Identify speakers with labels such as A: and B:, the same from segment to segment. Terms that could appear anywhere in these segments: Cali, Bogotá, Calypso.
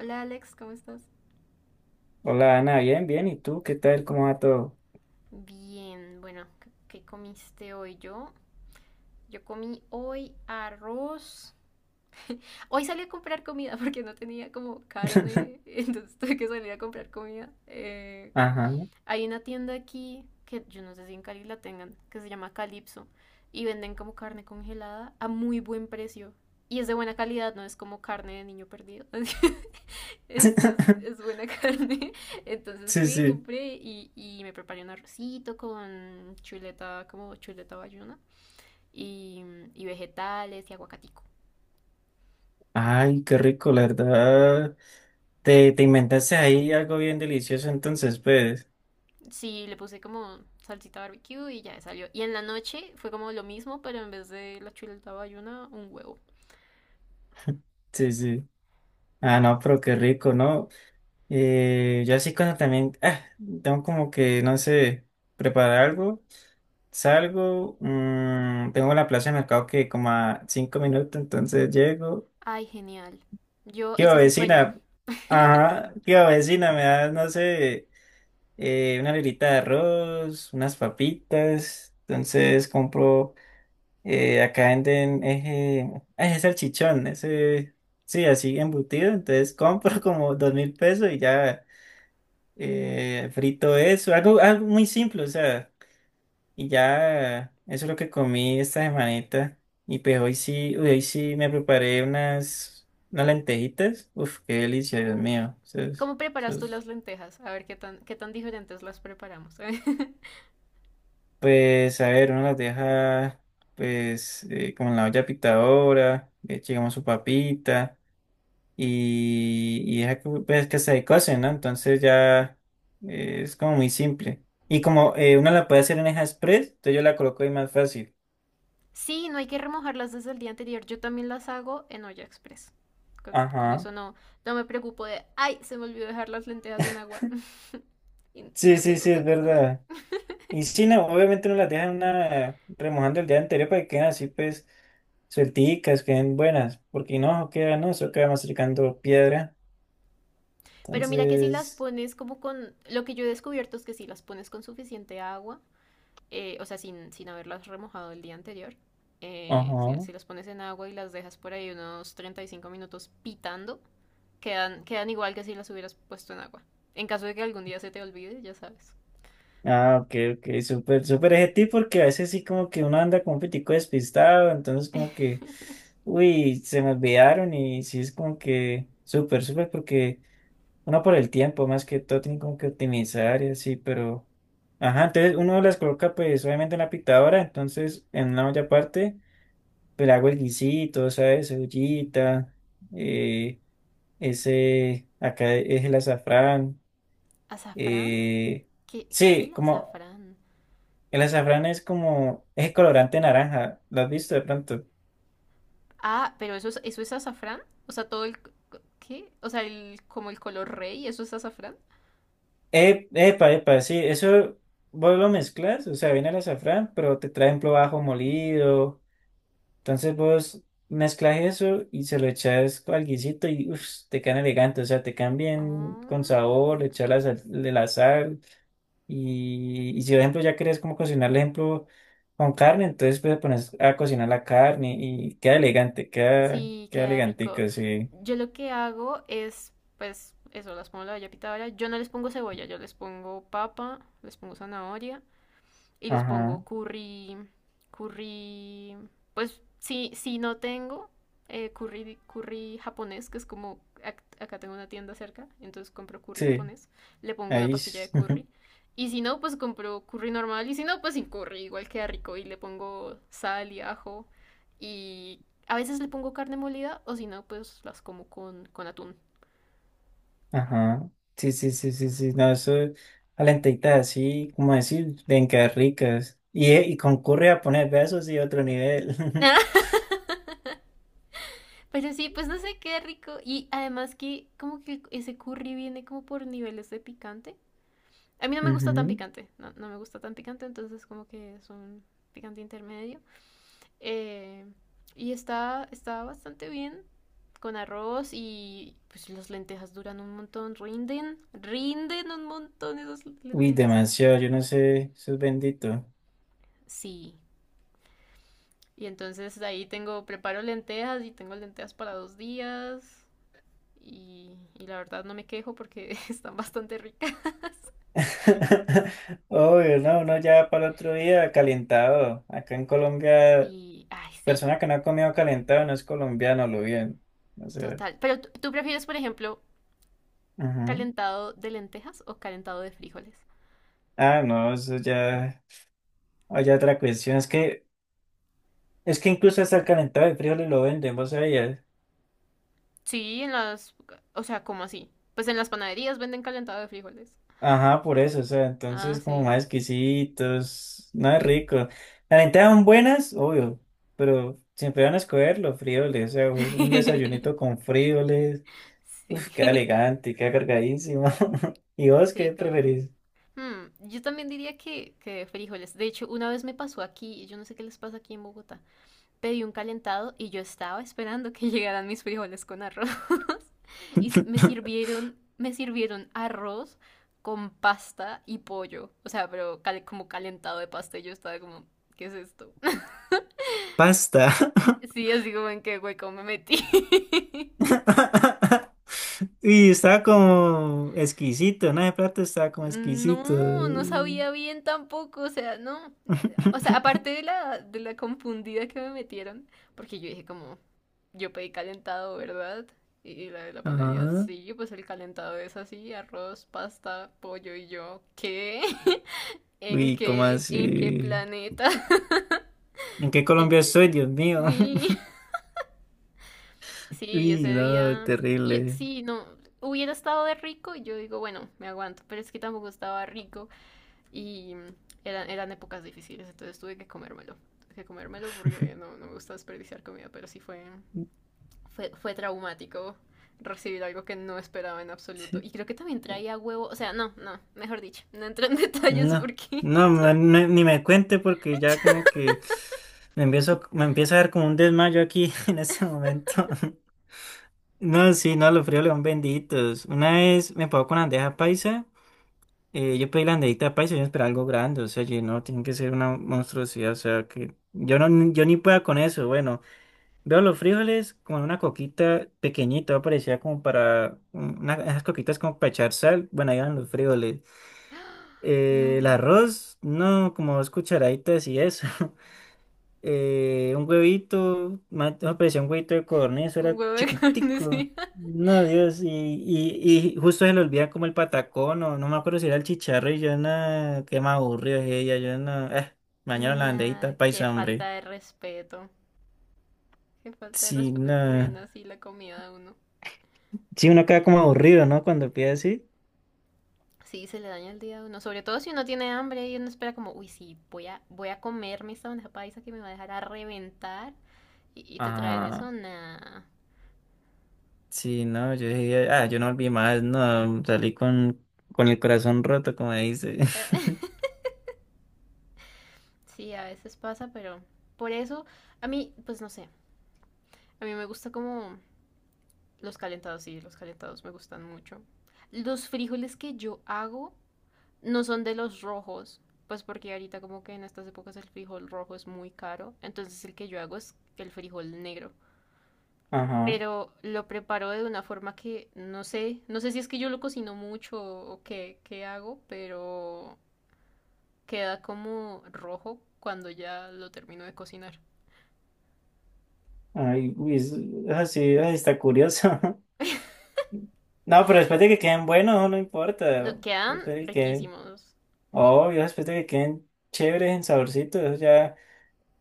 A: Hola Alex, ¿cómo estás?
B: Hola Ana, bien, bien. ¿Y tú qué tal? ¿Cómo va todo?
A: Bien, bueno, ¿qué comiste hoy yo? Yo comí hoy arroz. Hoy salí a comprar comida porque no tenía como carne, entonces tuve que salir a comprar comida.
B: Ajá.
A: Hay una tienda aquí que yo no sé si en Cali la tengan, que se llama Calypso y venden como carne congelada a muy buen precio. Y es de buena calidad, no es como carne de niño perdido. Es buena carne. Entonces
B: Sí,
A: fui,
B: sí.
A: compré y me preparé un arrocito con chuleta, como chuleta bayuna y, y vegetales y aguacatico.
B: Ay, qué rico, la verdad. Te inventaste ahí algo bien delicioso, entonces, pues.
A: Sí, le puse como salsita barbecue y ya salió. Y en la noche fue como lo mismo, pero en vez de la chuleta bayuna, un huevo.
B: Sí, sí. Ah, no, pero qué rico, ¿no? Yo así cuando también, tengo como que, no sé, preparar algo, salgo, tengo la plaza de mercado que como a cinco minutos, entonces llego.
A: Ay, genial. Yo,
B: ¿Qué
A: ese es mi sueño.
B: vecina? Ajá, ¿qué va, vecina? Me da, no sé. Una librita de arroz, unas papitas. Entonces compro, acá venden ese salchichón, sí, así embutido. Entonces compro como dos mil pesos y ya frito eso, algo muy simple, o sea, y ya eso es lo que comí esta semanita. Y pues hoy sí, uy, hoy sí me preparé unas lentejitas. Uf, qué delicia, Dios
A: Uf.
B: mío. Eso es-
A: ¿Cómo
B: eso
A: preparas tú
B: es
A: las lentejas? A ver qué tan diferentes las preparamos.
B: pues, a ver, uno las deja, pues, como en la olla pitadora, le echa, digamos, su papita y deja que, pues, que se cocen, ¿no? Entonces ya es como muy simple. Y como uno la puede hacer en Eja Express, entonces yo la coloco ahí más fácil.
A: Sí, no hay que remojarlas desde el día anterior. Yo también las hago en olla express. Con,
B: Ajá.
A: eso no, no me preocupo de, ay, se me olvidó dejar las lentejas en agua y
B: Sí,
A: no
B: sí,
A: tengo
B: sí,
A: con
B: es
A: qué comer.
B: verdad. Y sí, no, obviamente uno las deja en una, remojando el día anterior para que queden así, pues, suelticas, queden buenas, porque no, queda, no, eso queda masticando piedra.
A: Pero mira que si las
B: Entonces,
A: pones como con, lo que yo he descubierto es que si las pones con suficiente agua, o sea, sin haberlas remojado el día anterior. Si,
B: ajá.
A: si las pones en agua y las dejas por ahí unos 35 minutos pitando, quedan igual que si las hubieras puesto en agua. En caso de que algún día se te olvide, ya sabes.
B: Ah, ok, ok, súper, súper ese tip porque a veces sí como que uno anda como un pitico despistado, entonces como que, uy, se me olvidaron y sí es como que súper, súper porque uno por el tiempo más que todo tiene como que optimizar y así, pero, ajá, entonces uno las coloca pues obviamente en la pitadora, entonces en una olla aparte, pues le hago el guisito, ¿sabes? Cebollita, eh, ese, acá es el azafrán,
A: ¿Azafrán?
B: eh,
A: ¿Qué es
B: sí,
A: el
B: como...
A: azafrán?
B: El azafrán es como, es colorante naranja, ¿lo has visto de pronto?
A: Ah, pero eso es azafrán. O sea, todo el... ¿Qué? O sea, el, como el color rey, ¿eso es azafrán?
B: Epa, epa, sí, eso vos lo mezclas, o sea, viene el azafrán, pero te traen ejemplo ajo molido, entonces vos mezclas eso y se lo echas al guisito y uff, te quedan elegante, o sea, te quedan
A: Ah.
B: bien con sabor, le echas
A: Oh.
B: la sal, de la sal y si por ejemplo ya querés como cocinar, por ejemplo, con carne, entonces pues pones a cocinar la carne y queda elegante, queda,
A: Sí,
B: queda
A: queda rico.
B: elegantico, sí,
A: Yo lo que hago es, pues, eso, las pongo en la olla pitadora. Yo no les pongo cebolla, yo les pongo papa, les pongo zanahoria y les
B: ajá,
A: pongo curry, curry, pues si no tengo curry japonés, que es como acá tengo una tienda cerca, entonces compro curry
B: sí.
A: japonés, le pongo una
B: Ahí,
A: pastilla de
B: s-
A: curry. Y si no, pues compro curry normal. Y si no, pues sin curry, igual queda rico. Y le pongo sal y ajo. Y a veces le pongo carne molida. O si no, pues las como con atún.
B: ajá. Sí, sí, sí, sí, sí. No, eso, calentita así, como decir, bien que ricas. Y concurre a poner besos y otro nivel.
A: Pero sí, pues no sé, qué rico. Y además que como que ese curry viene como por niveles de picante. A mí no me gusta tan
B: Ujú.
A: picante, no, no me gusta tan picante, entonces como que es un picante intermedio. Eh, y está bastante bien con arroz y pues las lentejas duran un montón, rinden un montón esas
B: Uy,
A: lentejas.
B: demasiado, yo no sé, eso es bendito.
A: Sí, y entonces de ahí preparo lentejas y tengo lentejas para 2 días y la verdad no me quejo porque están bastante ricas.
B: Obvio, no, no, ya para el otro día, calentado. Acá en Colombia,
A: Sí, ay, sí,
B: persona que no ha comido calentado no es colombiano, lo bien. O sea,
A: total. Pero tú prefieres, por ejemplo,
B: ujú.
A: ¿calentado de lentejas o calentado de frijoles?
B: Ah, no, eso ya, hay otra cuestión, es que es que incluso hasta el calentado de frijoles lo venden, vos sabías.
A: Sí, en las... O sea, ¿cómo así? Pues en las panaderías venden calentado de frijoles.
B: Ajá, por eso, o sea,
A: Ah,
B: entonces como
A: sí.
B: más exquisitos, no es rico. Las lentejas son buenas, obvio, pero siempre van a escoger los frijoles, o sea, vos un desayunito con frijoles, uf,
A: Sí.
B: queda elegante, queda cargadísimo. ¿Y vos qué
A: Sí, como...
B: preferís?
A: Hmm, yo también diría que de frijoles. De hecho, una vez me pasó aquí, yo no sé qué les pasa aquí en Bogotá. Pedí un calentado y yo estaba esperando que llegaran mis frijoles con arroz. Y me sirvieron arroz con pasta y pollo. O sea, pero cal- como calentado de pasta y yo estaba como, ¿qué es esto?
B: Pasta.
A: Sí, así como en qué hueco me metí.
B: Y estaba como exquisito, ¿no? De plato estaba como exquisito.
A: No, no sabía bien tampoco, o sea, no. O sea, aparte de la confundida que me metieron, porque yo dije como, yo pedí calentado, ¿verdad? Y la de la panadería,
B: Ajá.
A: sí, pues el calentado es así, arroz, pasta, pollo y yo, ¿qué? ¿En
B: Uy, ¿cómo
A: qué? ¿En qué
B: así?
A: planeta?
B: ¿En qué
A: ¿En
B: Colombia
A: qué?
B: estoy, Dios mío?
A: Sí, sí, y
B: Uy,
A: ese
B: no,
A: día...
B: terrible.
A: sí, no, hubiera estado de rico y yo digo, bueno, me aguanto, pero es que tampoco estaba rico. Y eran épocas difíciles, entonces tuve que comérmelo. Tuve que comérmelo porque no, no me gusta desperdiciar comida, pero sí fue traumático recibir algo que no esperaba en absoluto.
B: Sí,
A: Y creo que también traía huevo, o sea, no, no, mejor dicho, no entro en detalles
B: no,
A: porque...
B: no, ma- no, ni me cuente porque ya como que me empieza a dar como un desmayo aquí en este momento. No, sí, no, los fríos león benditos. Una vez me pagó con bandeja paisa, yo pedí la bandejita paisa y yo esperaba algo grande, o sea, yo, no, tiene que ser una monstruosidad, o sea, que yo no, yo ni pueda con eso, bueno. Veo los frijoles como en una coquita pequeñita, parecía como para una, esas coquitas como para echar sal. Bueno, ahí van los frijoles.
A: No,
B: El arroz, no, como dos cucharaditas y eso. Un huevito, más- no, parecía un huevito de codorniz,
A: un
B: era
A: huevo de carne,
B: chiquitico.
A: sí.
B: No, Dios, y justo se le olvida como el patacón, o no me acuerdo si era el chicharro, y yo no, qué más aburrido es ella, yo no, mañana la
A: Nah,
B: banderita,
A: qué
B: paisa,
A: falta
B: hombre.
A: de respeto. Qué falta de
B: Sí,
A: respeto
B: no.
A: que le den así la comida a uno.
B: Sí, uno queda como aburrido, ¿no? Cuando pide así.
A: Sí, se le daña el día a uno. Sobre todo si uno tiene hambre y uno espera como, uy, sí, voy a comerme esta bandeja paisa que me va a dejar a reventar. Y te traen
B: Ajá,
A: eso, nah.
B: sí, no, yo dije, ah, yo no volví más, no, salí con el corazón roto, como dice.
A: Sí, a veces pasa, pero por eso, a mí, pues no sé. A mí me gusta como los calentados, sí, los calentados me gustan mucho. Los frijoles que yo hago no son de los rojos, pues porque ahorita como que en estas épocas el frijol rojo es muy caro. Entonces el que yo hago es el frijol negro.
B: Ajá,
A: Pero lo preparo de una forma que no sé, no sé si es que yo lo cocino mucho o qué, qué hago, pero queda como rojo cuando ya lo termino de cocinar.
B: ay, uy, es- así ay, está curioso. No, pero después de que queden buenos, no
A: No,
B: importa, después
A: quedan
B: de que queden,
A: riquísimos.
B: obvio, después de que queden chéveres, en saborcito, eso ya,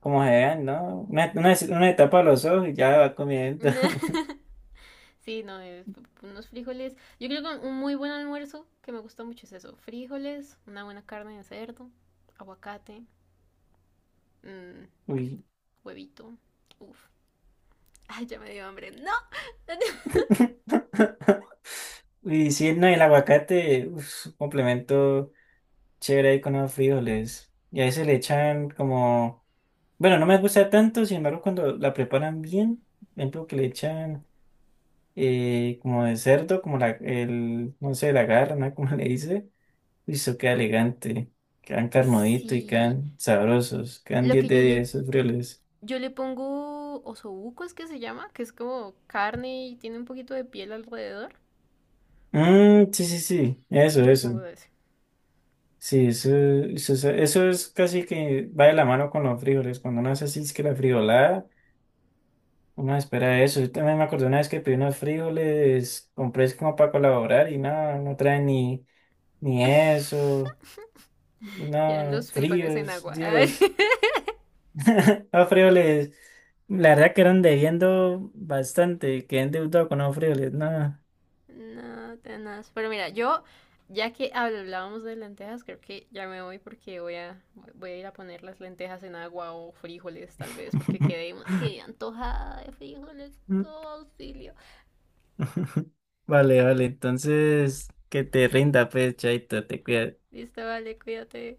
B: como se vean, ¿no? Una etapa a los ojos y ya va comiendo.
A: Sí, no, es unos frijoles. Yo creo que un muy buen almuerzo que me gusta mucho es eso. Frijoles, una buena carne de cerdo, aguacate, mm,
B: Uy.
A: huevito. Uf, ay, ya me dio hambre. No.
B: Uy, sí, no, el aguacate, uf, un complemento. Chévere ahí con los frijoles. Y a veces le echan como... Bueno, no me gusta tanto, sin embargo, cuando la preparan bien, por ejemplo, que le echan como de cerdo, como no sé, la garna, como le dice, y eso queda elegante. Quedan carnudito y
A: Sí,
B: quedan sabrosos. Quedan
A: lo
B: 10
A: que
B: de
A: yo le...
B: 10 esos frijoles.
A: Yo le pongo osobuco, es que se llama, que es como carne y tiene un poquito de piel alrededor.
B: Mmm, sí, sí, sí, eso,
A: Yo le pongo
B: eso.
A: de ese.
B: Sí, eso es casi que va de la mano con los frijoles. Cuando uno hace así, es que la frijolada. No, espera eso. Yo también me acordé una vez que pedí unos frijoles, compré es como para colaborar y nada, no traen ni eso.
A: Ya
B: No,
A: los frijoles en
B: fríos,
A: agua. Ay,
B: Dios. Los frijoles, la verdad que eran debiendo bastante, quedé endeudado con los frijoles, nada.
A: no, tenaz. Pero mira, yo, ya que hablábamos de lentejas, creo que ya me voy porque voy a, voy a ir a poner las lentejas en agua o frijoles, tal vez, porque quedé antojada de frijoles. Oh, auxilio.
B: Vale, vale, entonces que te rinda, pues, chaito, te cuidas.
A: Listo, vale, cuídate.